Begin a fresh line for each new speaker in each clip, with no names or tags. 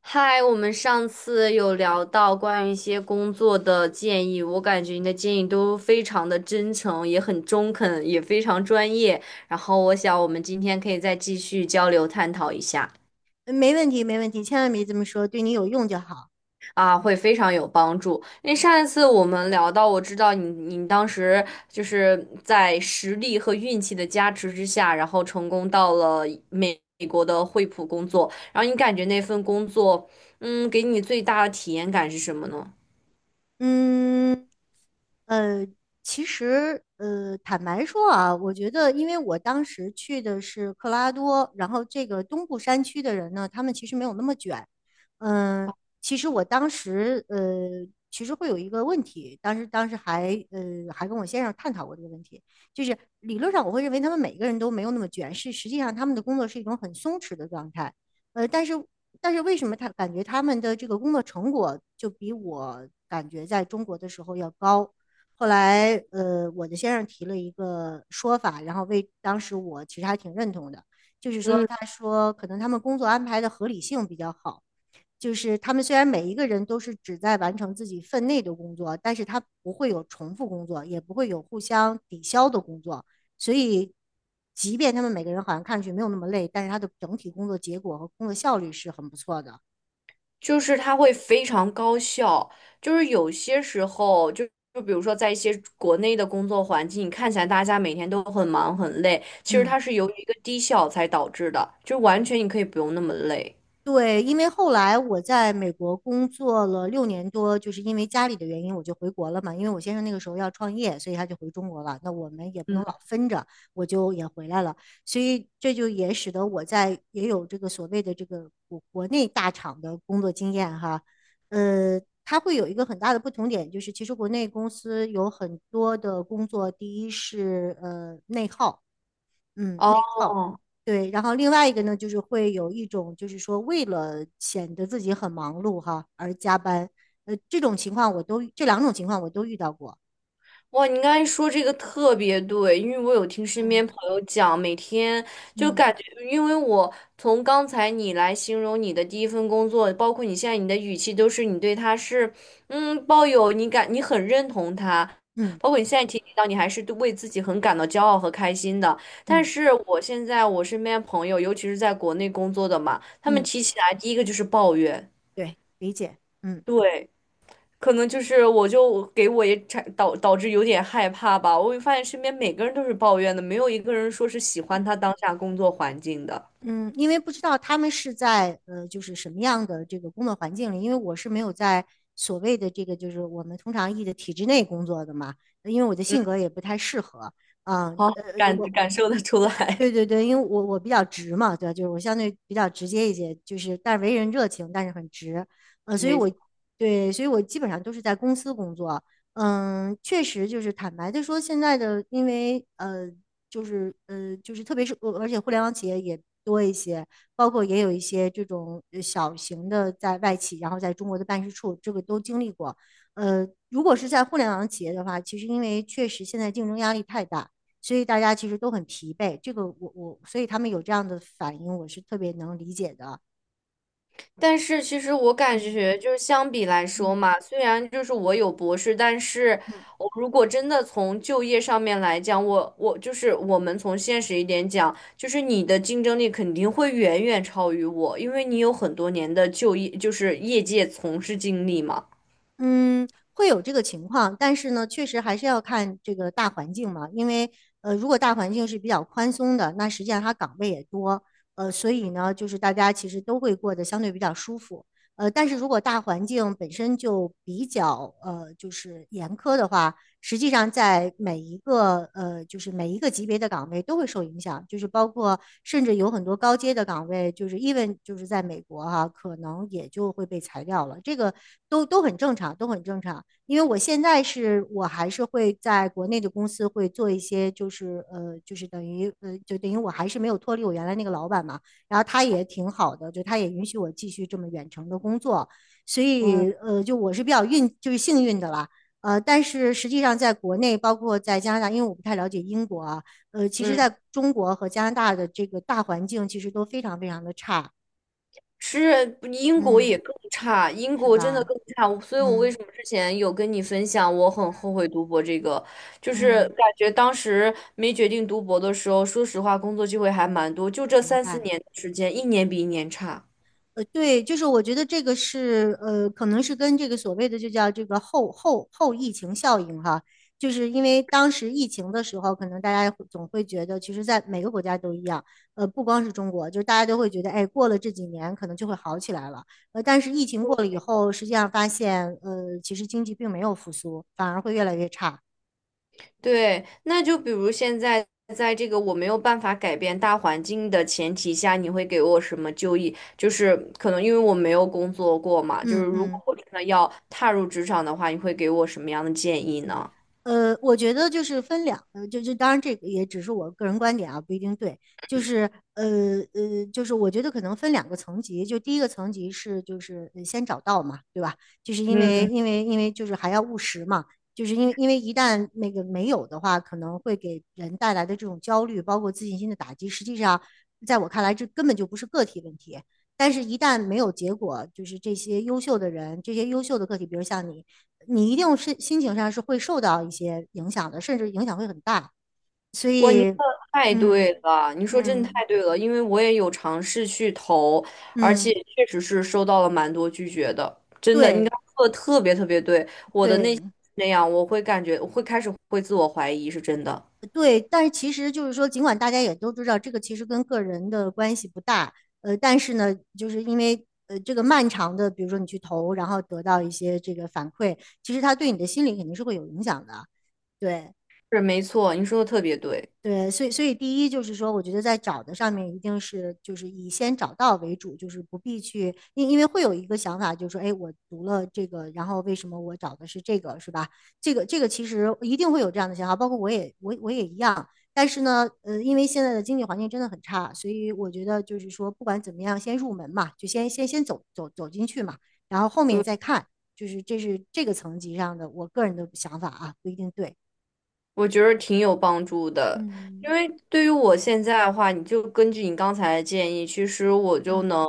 嗨，我们上次有聊到关于一些工作的建议，我感觉你的建议都非常的真诚，也很中肯，也非常专业。然后我想我们今天可以再继续交流探讨一下，
没问题，没问题，千万别这么说，对你有用就好。
啊，会非常有帮助。因为上一次我们聊到，我知道你当时就是在实力和运气的加持之下，然后成功到了美国的惠普工作，然后你感觉那份工作，给你最大的体验感是什么呢？
嗯，呃，其实，坦白说啊，我觉得，因为我当时去的是克拉多，然后这个东部山区的人呢，他们其实没有那么卷。嗯、其实我当时，其实会有一个问题，当时还，还跟我先生探讨过这个问题，就是理论上我会认为他们每个人都没有那么卷，是实际上他们的工作是一种很松弛的状态。呃，但是但是为什么他感觉他们的这个工作成果就比我感觉在中国的时候要高？后来，我的先生提了一个说法，然后为当时我其实还挺认同的，就是说，
嗯。
他说可能他们工作安排的合理性比较好，就是他们虽然每一个人都是只在完成自己分内的工作，但是他不会有重复工作，也不会有互相抵消的工作，所以，即便他们每个人好像看上去没有那么累，但是他的整体工作结果和工作效率是很不错的。
就是它会非常高效，就是有些时候就。就比如说，在一些国内的工作环境，你看起来大家每天都很忙很累，其实
嗯。
它是由于一个低效才导致的，就完全你可以不用那么累。
对，因为后来我在美国工作了6年多，就是因为家里的原因，我就回国了嘛。因为我先生那个时候要创业，所以他就回中国了。那我们也不能老分着，我就也回来了。所以这就也使得我在也有这个所谓的这个国内大厂的工作经验哈。呃，它会有一个很大的不同点，就是其实国内公司有很多的工作，第一是内耗，嗯，
哦，
内耗。对，然后另外一个呢，就是会有一种，就是说为了显得自己很忙碌哈而加班，这种情况这两种情况我都遇到过。
哇，你刚才说这个特别对，因为我有听身边朋友讲，每天就
嗯嗯
感觉，因为我从刚才你来形容你的第一份工作，包括你现在你的语气，都是你对他是，抱有你感，你很认同他，
嗯
包括你现在提及到你还是对为自己很感到骄傲和开心的。但
嗯
是我现在我身边朋友，尤其是在国内工作的嘛，他们
嗯，
提起来第一个就是抱怨，
对，理解。嗯
对。可能就是我就给我也导致有点害怕吧。我会发现身边每个人都是抱怨的，没有一个人说是喜欢
嗯
他当下工作环境的。
嗯，因为不知道他们是在就是什么样的这个工作环境里，因为我是没有在所谓的这个就是我们通常译的体制内工作的嘛，因为我的
嗯，
性格也不太适合。啊，
好，
呃，我
感受得出来。
对对 对，因为我比较直嘛，对吧？就是我相对比较直接一些，就是但是为人热情，但是很直，呃，所以
没错，
我对，所以我基本上都是在公司工作，嗯，确实就是坦白的说，现在的因为呃，就是呃，就是特别是而且互联网企业也多一些，包括也有一些这种小型的在外企，然后在中国的办事处，这个都经历过，如果是在互联网企业的话，其实因为确实现在竞争压力太大。所以大家其实都很疲惫。这个我我，所以他们有这样的反应，我是特别能理解的。
但是其实我感
嗯
觉就是相比来说
嗯
嘛，虽然就是我有博士，但是
嗯，
我如果真的从就业上面来讲，我就是我们从现实一点讲，就是你的竞争力肯定会远远超于我，因为你有很多年的就业就是业界从事经历嘛。
嗯，会有这个情况，但是呢，确实还是要看这个大环境嘛。因为如果大环境是比较宽松的，那实际上它岗位也多，所以呢，就是大家其实都会过得相对比较舒服。但是如果大环境本身就比较就是严苛的话，实际上在每一个就是每一个级别的岗位都会受影响，就是包括甚至有很多高阶的岗位，就是 even 就是在美国哈、啊可能也就会被裁掉了，这个都都很正常，都很正常。因为我现在是我还是会在国内的公司会做一些，就是呃，就是等于呃，就等于我还是没有脱离我原来那个老板嘛，然后他也挺好的，就他也允许我继续这么远程的工作，所
嗯
以就我是比较运，就是幸运的啦。但是实际上在国内，包括在加拿大，因为我不太了解英国啊，其实
嗯，
在中国和加拿大的这个大环境其实都非常非常的差，
是英国也
嗯，
更差，英
是
国真的
吧？
更差，所以我为什
嗯
么之前有跟你分享，我很后悔读博这个，就是
嗯，
感觉当时没决定读博的时候，说实话，工作机会还蛮多，就这
明
三四
白。
年的时间，一年比一年差。
对，就是我觉得这个是可能是跟这个所谓的就叫这个后疫情效应哈，就是因为当时疫情的时候，可能大家会总会觉得，其实在每个国家都一样，不光是中国，就是大家都会觉得，哎，过了这几年可能就会好起来了，但是疫情过了以后，实际上发现，其实经济并没有复苏，反而会越来越差。
对，那就比如现在在这个我没有办法改变大环境的前提下，你会给我什么就业？就是可能因为我没有工作过嘛，就是
嗯
如果
嗯。
我真的要踏入职场的话，你会给我什么样的建议呢？
我觉得就是分两呃，就就当然这个也只是我个人观点啊，不一定对。就是我觉得可能分两个层级，就第一个层级是先找到嘛，对吧？就是因为就是还要务实嘛，就是因为一旦那个没有的话，可能会给人带来的这种焦虑，包括自信心的打击，实际上在我看来，这根本就不是个体问题。但是，一旦没有结果，就是这些优秀的人，这些优秀的个体，比如像你，你一定是心情上是会受到一些影响的，甚至影响会很大。所
哇，您
以，
说的太
嗯
对了，您说真的
嗯
太对了，因为我也有尝试去投，而且
嗯，
确实是收到了蛮多拒绝的，真的，您
对
刚刚说的特别特别对，我的内心
对
是那样，我会感觉，我会开始会自我怀疑，是真的，
对。但是其实就是说，尽管大家也都知道这个其实跟个人的关系不大，但是呢，就是因为这个漫长的，比如说你去投，然后得到一些这个反馈，其实它对你的心理肯定是会有影响的。对，
是没错，您说的特别对，
对，所以第一就是说，我觉得在找的上面一定是就是以先找到为主，就是不必去，因为会有一个想法，就是说，哎，我读了这个，然后为什么我找的是这个，是吧？这个其实一定会有这样的想法，包括我也一样。但是呢，因为现在的经济环境真的很差，所以我觉得就是说，不管怎么样，先入门嘛，就先走进去嘛，然后后面
对，
再看，就是这是这个层级上的我个人的想法啊，不一定对。
我觉得挺有帮助的，因
嗯。
为对于我现在的话，你就根据你刚才的建议，其实我就
嗯，
能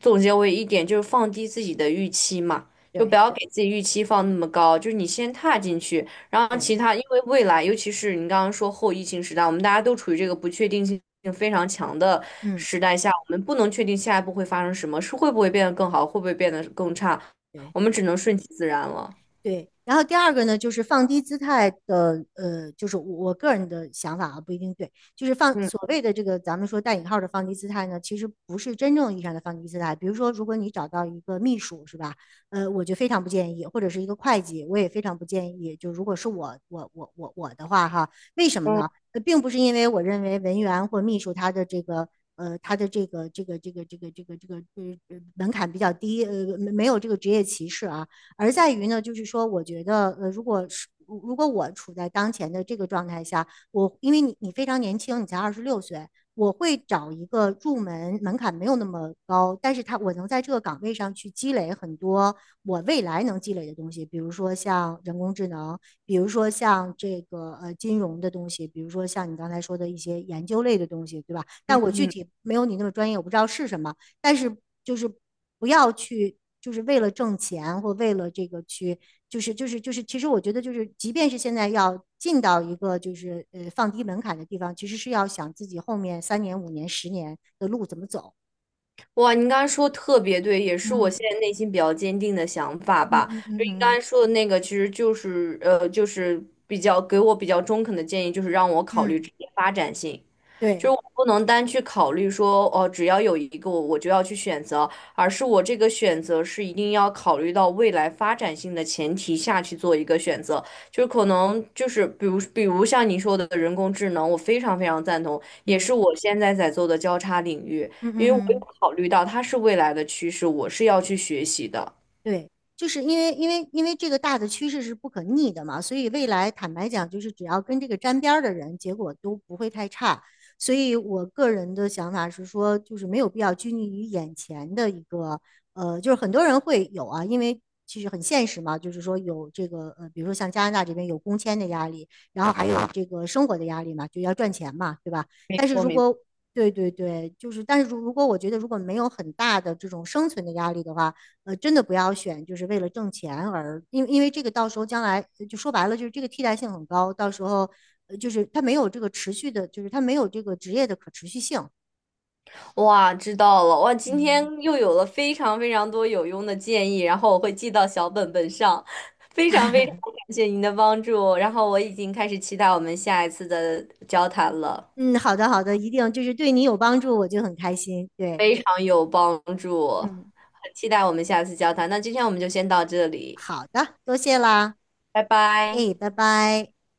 总结为一点，就是放低自己的预期嘛，就不
对
要给自己预期放那么高，就是你先踏进去，然后其
对。
他，因为未来，尤其是你刚刚说后疫情时代，我们大家都处于这个不确定性非常强的
嗯，
时代下，我们不能确定下一步会发生什么，是会不会变得更好，会不会变得更差，
对
我们只能顺其自然了。
对。然后第二个呢，就是放低姿态的，就是我个人的想法啊，不一定对。就是放所
嗯
谓的这个咱们说带引号的放低姿态呢，其实不是真正意义上的放低姿态。比如说，如果你找到一个秘书，是吧？我就非常不建议，或者是一个会计，我也非常不建议。就如果是我的话哈，为什么呢？
嗯。
并不是因为我认为文员或秘书他的这个。呃，他的这个这个这个这个这个这个呃呃门槛比较低，没有这个职业歧视啊，而在于呢，就是说，我觉得如果是如果我处在当前的这个状态下，我因为你非常年轻，你才26岁，我会找一个入门门槛没有那么高，但是它我能在这个岗位上去积累很多我未来能积累的东西，比如说像人工智能，比如说像这个金融的东西，比如说像你刚才说的一些研究类的东西，对吧？但我具体没有你那么专业，我不知道是什么，但是就是不要去，就是为了挣钱或为了这个去，其实我觉得就是，即便是现在要进到一个就是放低门槛的地方，其实是要想自己后面3年、5年、10年的路怎么走。
哇，您刚才说得特别对，也是我
嗯
现在内心比较坚定的想法
嗯
吧。
嗯
就
嗯
您刚
嗯
才说的那个，其实就是比较给我比较中肯的建议，就是让我考虑
嗯，
职业发展性，就是
对，
我不能单去考虑说哦，只要有一个我就要去选择，而是我这个选择是一定要考虑到未来发展性的前提下去做一个选择。就是可能就是比如像您说的人工智能，我非常非常赞同，也是
嗯
我现在在做的交叉领域。
嗯
因
嗯
为我有
嗯。
考虑到它是未来的趋势，我是要去学习的。
对，就是因为这个大的趋势是不可逆的嘛，所以未来坦白讲，就是只要跟这个沾边儿的人，结果都不会太差。所以我个人的想法是说，就是没有必要拘泥于眼前的一个，就是很多人会有啊，因为其实很现实嘛，就是说有这个，比如说像加拿大这边有工签的压力，然后还有这个生活的压力嘛，就要赚钱嘛，对吧？
没
但是
错，
如
没错。
果对对对，就是，但是如果我觉得如果没有很大的这种生存的压力的话，真的不要选，就是为了挣钱而，因为这个到时候将来就说白了，就是这个替代性很高，到时候就是它没有这个持续的，就是它没有这个职业的可持续性。
哇，知道了。哇，今天
嗯
又有了非常非常多有用的建议，然后我会记到小本本上。非常非常感谢您的帮助，然后我已经开始期待我们下一次的交谈了，
嗯，好的好的，一定就是对你有帮助，我就很开心。对，
非常有帮助，
嗯。
很期待我们下次交谈。那今天我们就先到这里，
好的，多谢啦，
拜拜。
哎，拜拜。